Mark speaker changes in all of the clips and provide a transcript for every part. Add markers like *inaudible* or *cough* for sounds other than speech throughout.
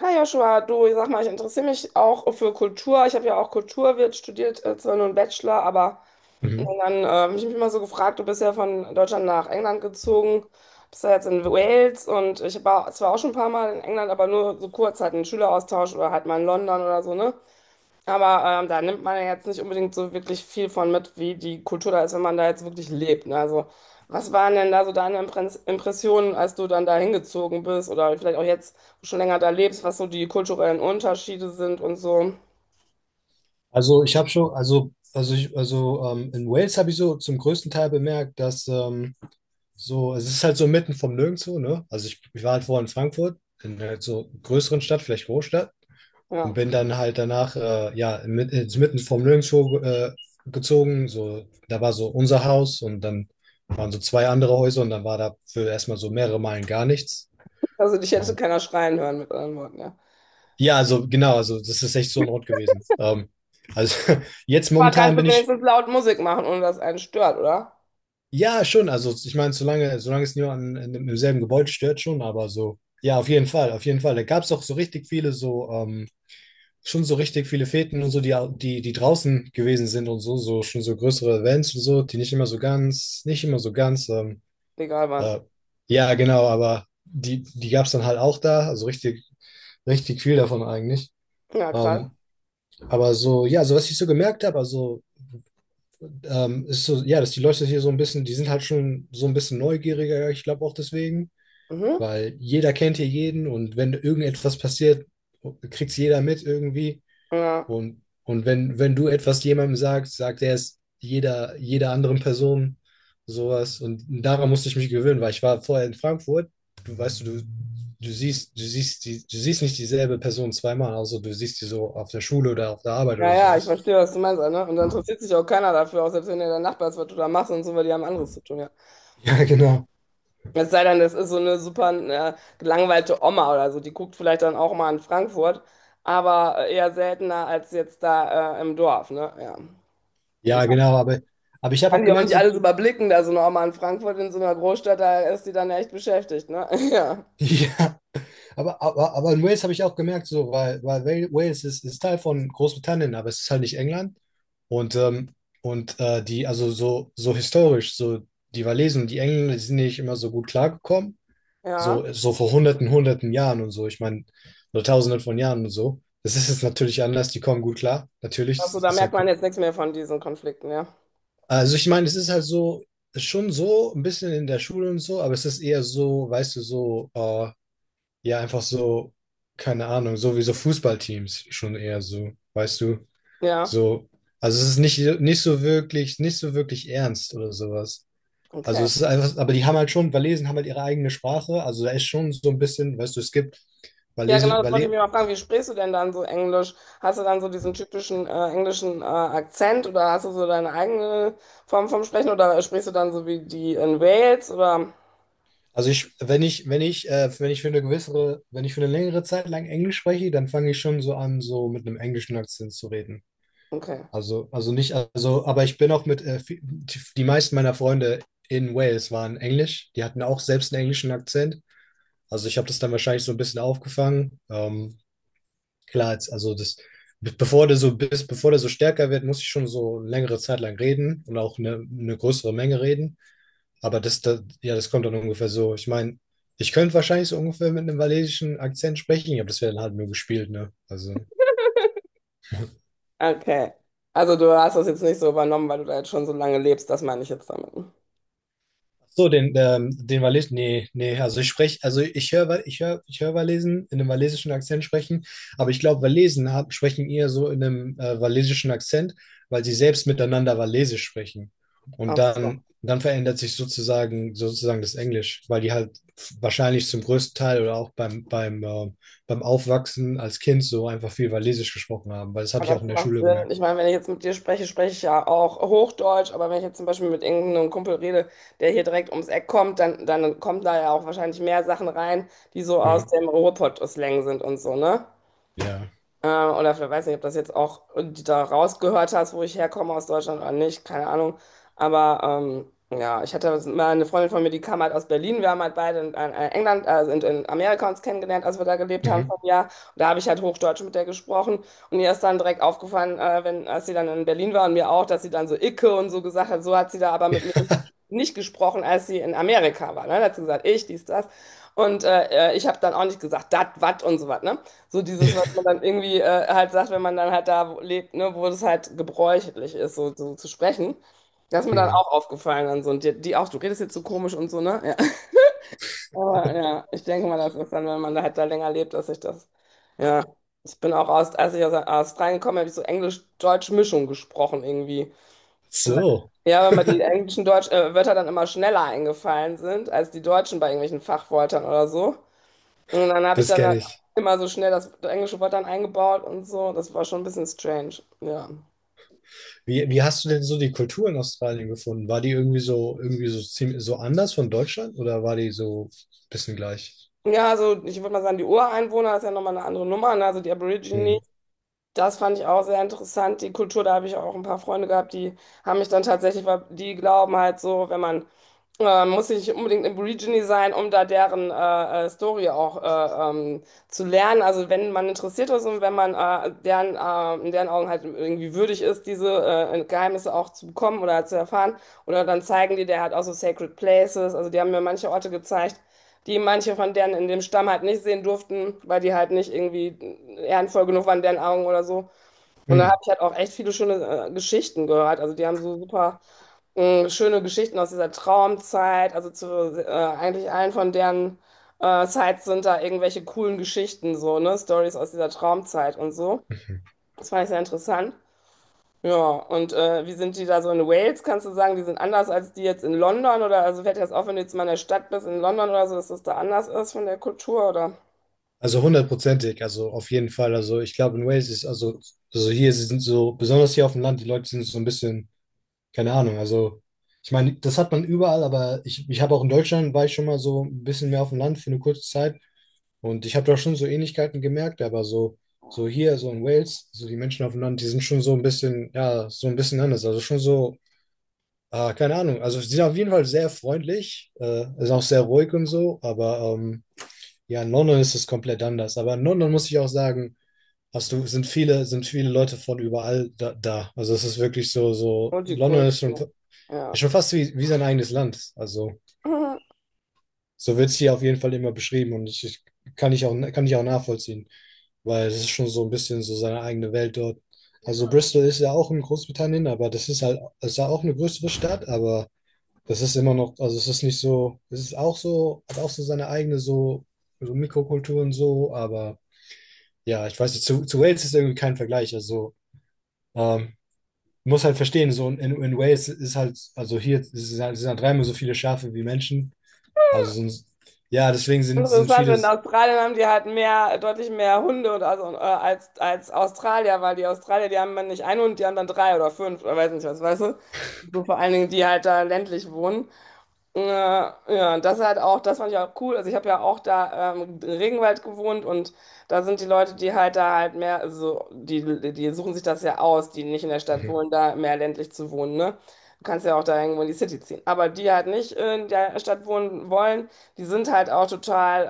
Speaker 1: Hi Joshua, du, ich sag mal, ich interessiere mich auch für Kultur. Ich habe ja auch Kulturwirt studiert, zwar nur einen Bachelor, aber
Speaker 2: Mhm.
Speaker 1: und dann hab ich mich immer so gefragt, du bist ja von Deutschland nach England gezogen, bist ja jetzt in Wales und ich war zwar auch schon ein paar Mal in England, aber nur so kurz halt einen Schüleraustausch oder halt mal in London oder so, ne? Aber da nimmt man ja jetzt nicht unbedingt so wirklich viel von mit, wie die Kultur da ist, wenn man da jetzt wirklich lebt. Ne? Also, was waren denn da so deine Impressionen, als du dann da hingezogen bist oder vielleicht auch jetzt schon länger da lebst, was so die kulturellen Unterschiede sind und so?
Speaker 2: Also ich habe schon, also ich, also In Wales habe ich so zum größten Teil bemerkt, dass so, es ist halt so mitten vom Nirgendwo, ne? Also ich war halt vorher in Frankfurt, in halt so größeren Stadt, vielleicht Großstadt, und
Speaker 1: Ja,
Speaker 2: bin dann halt danach, ja, mit, ins mitten vom Nirgendwo gezogen. So, da war so unser Haus und dann waren so zwei andere Häuser und dann war da für erstmal so mehrere Meilen gar nichts.
Speaker 1: also dich hätte
Speaker 2: Ähm,
Speaker 1: keiner schreien hören mit anderen Worten, ja.
Speaker 2: ja, also genau, also das ist echt so ein Ort gewesen. Also *laughs* jetzt
Speaker 1: Aber kannst
Speaker 2: momentan
Speaker 1: du
Speaker 2: bin ich.
Speaker 1: wenigstens laut Musik machen, ohne dass einen stört, oder?
Speaker 2: Ja, schon. Also ich meine, solange es niemanden im selben Gebäude stört, schon, aber so, ja, auf jeden Fall, auf jeden Fall. Da gab es auch so richtig viele, so, schon so richtig viele Feten und so, die, die draußen gewesen sind und so, so, schon so größere Events und so, die nicht immer so ganz, nicht immer so ganz,
Speaker 1: Egal wann.
Speaker 2: äh, ja, genau, aber die gab es dann halt auch da, also richtig, richtig viel davon eigentlich.
Speaker 1: Ja, krass.
Speaker 2: Ähm, aber so, ja, so was ich so gemerkt habe, also ist so, ja, dass die Leute hier so ein bisschen, die sind halt schon so ein bisschen neugieriger, ja, ich glaube auch deswegen,
Speaker 1: Mhm.
Speaker 2: weil jeder kennt hier jeden und wenn irgendetwas passiert, kriegt's jeder mit irgendwie.
Speaker 1: Ja.
Speaker 2: Und wenn du etwas jemandem sagst, sagt er es jeder anderen Person sowas. Und daran musste ich mich gewöhnen, weil ich war vorher in Frankfurt, du weißt du, du, du siehst die. Du siehst nicht dieselbe Person zweimal, also du siehst die so auf der Schule oder auf der Arbeit
Speaker 1: Ja,
Speaker 2: oder
Speaker 1: ja, ich
Speaker 2: sowas.
Speaker 1: verstehe, was du meinst, ne? Und dann interessiert sich auch keiner dafür, auch selbst wenn der Nachbar ist, was du da machst und so, weil die haben anderes zu tun, ja.
Speaker 2: Ja, genau.
Speaker 1: Es sei denn, das ist so eine super gelangweilte Oma oder so. Die guckt vielleicht dann auch mal in Frankfurt, aber eher seltener als jetzt da im Dorf, ne? Ja. Und
Speaker 2: Ja, genau, aber ich habe
Speaker 1: kann
Speaker 2: auch
Speaker 1: die auch
Speaker 2: gemerkt,
Speaker 1: nicht
Speaker 2: so,
Speaker 1: alles überblicken, da so eine Oma in Frankfurt in so einer Großstadt, da ist die dann echt beschäftigt, ne? *laughs* Ja.
Speaker 2: *laughs* ja, aber in Wales habe ich auch gemerkt, so, weil Wales ist Teil von Großbritannien, aber es ist halt nicht England. Und, ähm, also so, so historisch, so die Walesen und die Engländer, die sind nicht immer so gut klargekommen.
Speaker 1: Ja.
Speaker 2: So, so vor hunderten Jahren und so, ich meine, oder tausenden von Jahren und so. Das ist jetzt natürlich anders, die kommen gut klar. Natürlich,
Speaker 1: Also
Speaker 2: das
Speaker 1: da
Speaker 2: ist ja.
Speaker 1: merkt man jetzt nichts mehr von diesen Konflikten, ja.
Speaker 2: Also ich meine, es ist halt so, schon so ein bisschen in der Schule und so, aber es ist eher so, weißt du, so, ja, einfach so, keine Ahnung, so wie so Fußballteams schon eher so, weißt du,
Speaker 1: Ja.
Speaker 2: so, also es ist nicht, nicht so wirklich, nicht so wirklich ernst oder sowas. Also
Speaker 1: Okay.
Speaker 2: es ist einfach, aber die haben halt schon, Walesen haben halt ihre eigene Sprache, also da ist schon so ein bisschen, weißt du, es gibt
Speaker 1: Ja,
Speaker 2: Walese,
Speaker 1: genau, das wollte ich
Speaker 2: Wale.
Speaker 1: mir mal fragen. Wie sprichst du denn dann so Englisch? Hast du dann so diesen typischen englischen Akzent oder hast du so deine eigene Form vom Sprechen oder sprichst du dann so wie die in Wales oder?
Speaker 2: Also ich, wenn ich, wenn ich, wenn ich für eine gewissere, Wenn ich für eine längere Zeit lang Englisch spreche, dann fange ich schon so an, so mit einem englischen Akzent zu reden.
Speaker 1: Okay,
Speaker 2: Also nicht, also, Aber ich bin auch mit, die meisten meiner Freunde in Wales waren Englisch. Die hatten auch selbst einen englischen Akzent. Also ich habe das dann wahrscheinlich so ein bisschen aufgefangen. Klar, jetzt, also das, bevor der so stärker wird, muss ich schon so eine längere Zeit lang reden und auch eine größere Menge reden. Aber ja, das kommt dann ungefähr so. Ich meine, ich könnte wahrscheinlich so ungefähr mit einem walisischen Akzent sprechen, aber das wäre dann halt nur gespielt, ne? Also.
Speaker 1: okay. Also du hast das jetzt nicht so übernommen, weil du da jetzt schon so lange lebst, das meine ich jetzt damit.
Speaker 2: Nee, nee, also ich spreche, also ich höre, ich höre, ich höre Walesen in einem walesischen Akzent sprechen, aber ich glaube, sprechen eher so in einem walesischen Akzent, weil sie selbst miteinander Walesisch sprechen.
Speaker 1: Ach so.
Speaker 2: Dann verändert sich sozusagen, sozusagen das Englisch, weil die halt wahrscheinlich zum größten Teil oder auch beim Aufwachsen als Kind so einfach viel Walesisch gesprochen haben, weil das habe
Speaker 1: Ja,
Speaker 2: ich auch
Speaker 1: das
Speaker 2: in der
Speaker 1: macht
Speaker 2: Schule
Speaker 1: Sinn.
Speaker 2: gemerkt.
Speaker 1: Ich meine, wenn ich jetzt mit dir spreche, spreche ich ja auch Hochdeutsch, aber wenn ich jetzt zum Beispiel mit irgendeinem Kumpel rede, der hier direkt ums Eck kommt, dann kommen da ja auch wahrscheinlich mehr Sachen rein, die so aus
Speaker 2: Mhm.
Speaker 1: dem Ruhrpott-Slang sind und so, ne?
Speaker 2: Ja.
Speaker 1: Oder vielleicht weiß nicht, ob das jetzt auch da rausgehört hast, wo ich herkomme aus Deutschland oder nicht, keine Ahnung. Aber ja, ich hatte mal eine Freundin von mir, die kam halt aus Berlin. Wir haben halt beide in England, also in Amerika uns kennengelernt, als wir da gelebt haben
Speaker 2: Mhm.
Speaker 1: vor einem Jahr. Und da habe ich halt Hochdeutsch mit der gesprochen. Und ihr ist dann direkt aufgefallen, wenn, als sie dann in Berlin war und mir auch, dass sie dann so Icke und so gesagt hat. So hat sie da aber mit mir
Speaker 2: *laughs*
Speaker 1: nicht gesprochen, als sie in Amerika war. Ne? Da hat sie gesagt, ich, dies, das. Und ich habe dann auch nicht gesagt, dat, wat und so was. Ne? So dieses,
Speaker 2: Ja.
Speaker 1: was man dann irgendwie halt sagt, wenn man dann halt da lebt, ne, wo das halt gebräuchlich ist, so, so zu sprechen. Das ist mir dann
Speaker 2: Mhm.
Speaker 1: auch aufgefallen dann so. Und die auch, du redest jetzt so komisch und so, ne? Ja. *laughs* Aber ja, ich denke mal, das ist dann, wenn man da halt da länger lebt, dass ich das, ja. Ich bin auch aus, als ich aus Australien gekommen bin, habe ich so Englisch-Deutsch-Mischung gesprochen irgendwie. Weil-
Speaker 2: So,
Speaker 1: Ja, weil mir die englischen Deutsch, Wörter dann immer schneller eingefallen sind als die Deutschen bei irgendwelchen Fachwörtern oder so. Und dann habe ich
Speaker 2: das
Speaker 1: dann
Speaker 2: kenne
Speaker 1: halt
Speaker 2: ich.
Speaker 1: immer so schnell das englische Wort dann eingebaut und so. Das war schon ein bisschen strange, ja.
Speaker 2: Wie, wie hast du denn so die Kultur in Australien gefunden? War die irgendwie so ziemlich, so anders von Deutschland oder war die so ein bisschen gleich?
Speaker 1: Ja, also ich würde mal sagen, die Ureinwohner ist ja nochmal eine andere Nummer. Ne? Also die Aborigine,
Speaker 2: Hm.
Speaker 1: das fand ich auch sehr interessant. Die Kultur, da habe ich auch ein paar Freunde gehabt, die haben mich dann tatsächlich, weil die glauben halt so, wenn man muss nicht unbedingt Aborigine sein, um da deren Story auch zu lernen. Also wenn man interessiert ist und wenn man deren, in deren Augen halt irgendwie würdig ist, diese Geheimnisse auch zu bekommen oder zu erfahren. Oder dann zeigen die der halt auch so Sacred Places. Also die haben mir manche Orte gezeigt, die manche von denen in dem Stamm halt nicht sehen durften, weil die halt nicht irgendwie ehrenvoll genug waren in deren Augen oder so. Und da
Speaker 2: Hm.
Speaker 1: habe ich halt auch echt viele schöne Geschichten gehört. Also die haben so super schöne Geschichten aus dieser Traumzeit. Also zu eigentlich allen von deren Sites sind da irgendwelche coolen Geschichten so, ne? Stories aus dieser Traumzeit und so. Das fand ich sehr interessant. Ja, und wie sind die da so in Wales? Kannst du sagen, die sind anders als die jetzt in London? Oder also fällt dir das auf, wenn du jetzt mal in der Stadt bist in London oder so, dass das da anders ist von der Kultur oder
Speaker 2: Also hundertprozentig, also auf jeden Fall. Also ich glaube in Wales ist, also hier sie sind so, besonders hier auf dem Land, die Leute sind so ein bisschen, keine Ahnung, also ich meine, das hat man überall, ich habe auch in Deutschland, war ich schon mal so ein bisschen mehr auf dem Land für eine kurze Zeit. Und ich habe da schon so Ähnlichkeiten gemerkt, aber so, so hier, so in Wales, so die Menschen auf dem Land, die sind schon so ein bisschen, ja, so ein bisschen anders. Also schon so, ah, keine Ahnung. Also sie sind auf jeden Fall sehr freundlich, ist auch sehr ruhig und so, aber ja, in London ist es komplett anders. Aber in London muss ich auch sagen, hast du, sind viele Leute von überall da. Also es ist wirklich so, so, London
Speaker 1: Multikulti?
Speaker 2: ist
Speaker 1: Ja.
Speaker 2: schon fast wie, wie sein eigenes Land. Also
Speaker 1: *laughs*
Speaker 2: so wird es hier auf jeden Fall immer beschrieben und ich kann ich auch nachvollziehen. Weil es ist schon so ein bisschen so seine eigene Welt dort. Also Bristol ist ja auch in Großbritannien, aber das ist halt, es ist ja auch eine größere Stadt, aber das ist immer noch, also es ist nicht so, es ist auch so, hat auch so seine eigene so, so Mikrokultur und so, aber ja, ich weiß nicht, zu Wales ist irgendwie kein Vergleich, also ähm, muss halt verstehen, so in Wales ist halt, also hier ist- sind halt 3-mal so viele Schafe wie Menschen, also sind, ja, deswegen
Speaker 1: Mhm.
Speaker 2: sind
Speaker 1: Interessant,
Speaker 2: viele.
Speaker 1: in Australien haben die halt mehr, deutlich mehr Hunde und also, als Australier, weil die Australier, die haben dann nicht einen Hund, die haben dann drei oder fünf oder weiß nicht was, weißt du? So vor allen Dingen, die halt da ländlich wohnen. Ja, ja, das halt auch, das fand ich auch cool. Also ich habe ja auch da im Regenwald gewohnt und da sind die Leute, die halt da halt mehr, also die suchen sich das ja aus, die nicht in der Stadt
Speaker 2: Mhm.
Speaker 1: wohnen, da mehr ländlich zu wohnen, ne? Du kannst ja auch da irgendwo in die City ziehen. Aber die halt nicht in der Stadt wohnen wollen, die sind halt auch total,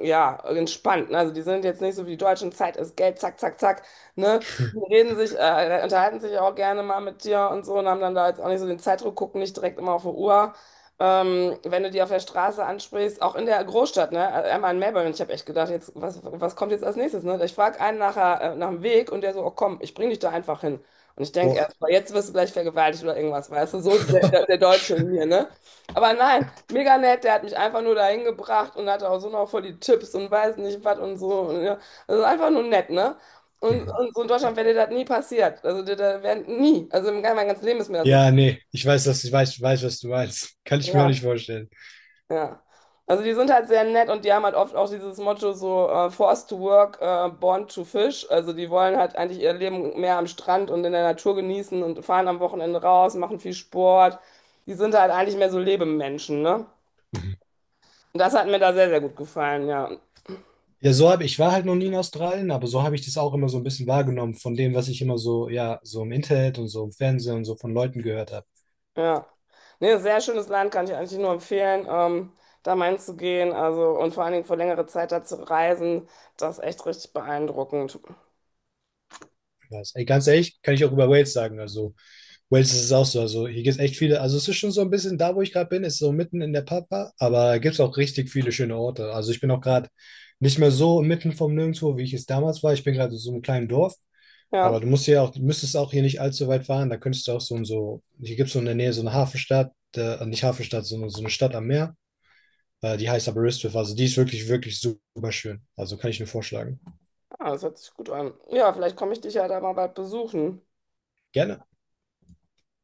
Speaker 1: ja, entspannt. Ne? Also die sind jetzt nicht so wie die Deutschen, Zeit ist Geld, zack, zack, zack, ne? Die reden sich, unterhalten sich auch gerne mal mit dir und so und haben dann da jetzt auch nicht so den Zeitdruck, gucken nicht direkt immer auf die Uhr. Wenn du die auf der Straße ansprichst, auch in der Großstadt, ne? Also einmal in Melbourne, ich habe echt gedacht, jetzt, was kommt jetzt als nächstes, ne? Ich frage einen nachher, nach dem Weg und der so, oh komm, ich bring dich da einfach hin. Und ich denke
Speaker 2: Boah.
Speaker 1: erst mal, jetzt wirst du gleich vergewaltigt oder irgendwas, weißt du, so der
Speaker 2: *laughs*
Speaker 1: Deutsche in mir, ne? Aber nein, mega nett, der hat mich einfach nur dahin gebracht und hatte auch so noch voll die Tipps und weiß nicht was und so. Und, ja. Also einfach nur nett, ne? Und so in Deutschland wäre dir das nie passiert. Also dir, da wär, nie. Also in meinem ganzen Leben ist mir das nicht
Speaker 2: Ja,
Speaker 1: passiert.
Speaker 2: nee, ich weiß, dass ich weiß, weiß, was du meinst. *laughs* Kann ich mir auch
Speaker 1: Ja.
Speaker 2: nicht vorstellen.
Speaker 1: Ja. Also die sind halt sehr nett und die haben halt oft auch dieses Motto so forced to work, born to fish. Also die wollen halt eigentlich ihr Leben mehr am Strand und in der Natur genießen und fahren am Wochenende raus, machen viel Sport. Die sind halt eigentlich mehr so Lebemenschen, ne? Und das hat mir da sehr, sehr gut gefallen, ja.
Speaker 2: Ja, so habe ich war halt noch nie in Australien, aber so habe ich das auch immer so ein bisschen wahrgenommen von dem, was ich immer so, ja, so im Internet und so im Fernsehen und so von Leuten gehört habe.
Speaker 1: Ja. Nee, sehr schönes Land, kann ich eigentlich nur empfehlen, da mal hinzugehen. Also und vor allen Dingen für längere Zeit da zu reisen, das ist echt richtig beeindruckend.
Speaker 2: Was- ey, ganz ehrlich, kann ich auch über Wales sagen. Also, Wales ist es auch so. Also, hier gibt es echt viele. Also, es ist schon so ein bisschen da, wo ich gerade bin, ist so mitten in der Pampa, aber gibt es auch richtig viele schöne Orte. Also, ich bin auch gerade nicht mehr so mitten vom Nirgendwo, wie ich es damals war. Ich bin gerade in so einem kleinen Dorf.
Speaker 1: Ja.
Speaker 2: Aber du musst ja auch, müsstest auch hier nicht allzu weit fahren. Da könntest du auch so und so, hier gibt es so in der Nähe so eine Hafenstadt, nicht Hafenstadt, sondern so eine Stadt am Meer. Die heißt aber Ristwiff. Also die ist wirklich, wirklich super schön. Also kann ich nur vorschlagen.
Speaker 1: Ah, das hört sich gut an. Ja, vielleicht komme ich dich ja da mal bald besuchen.
Speaker 2: Gerne.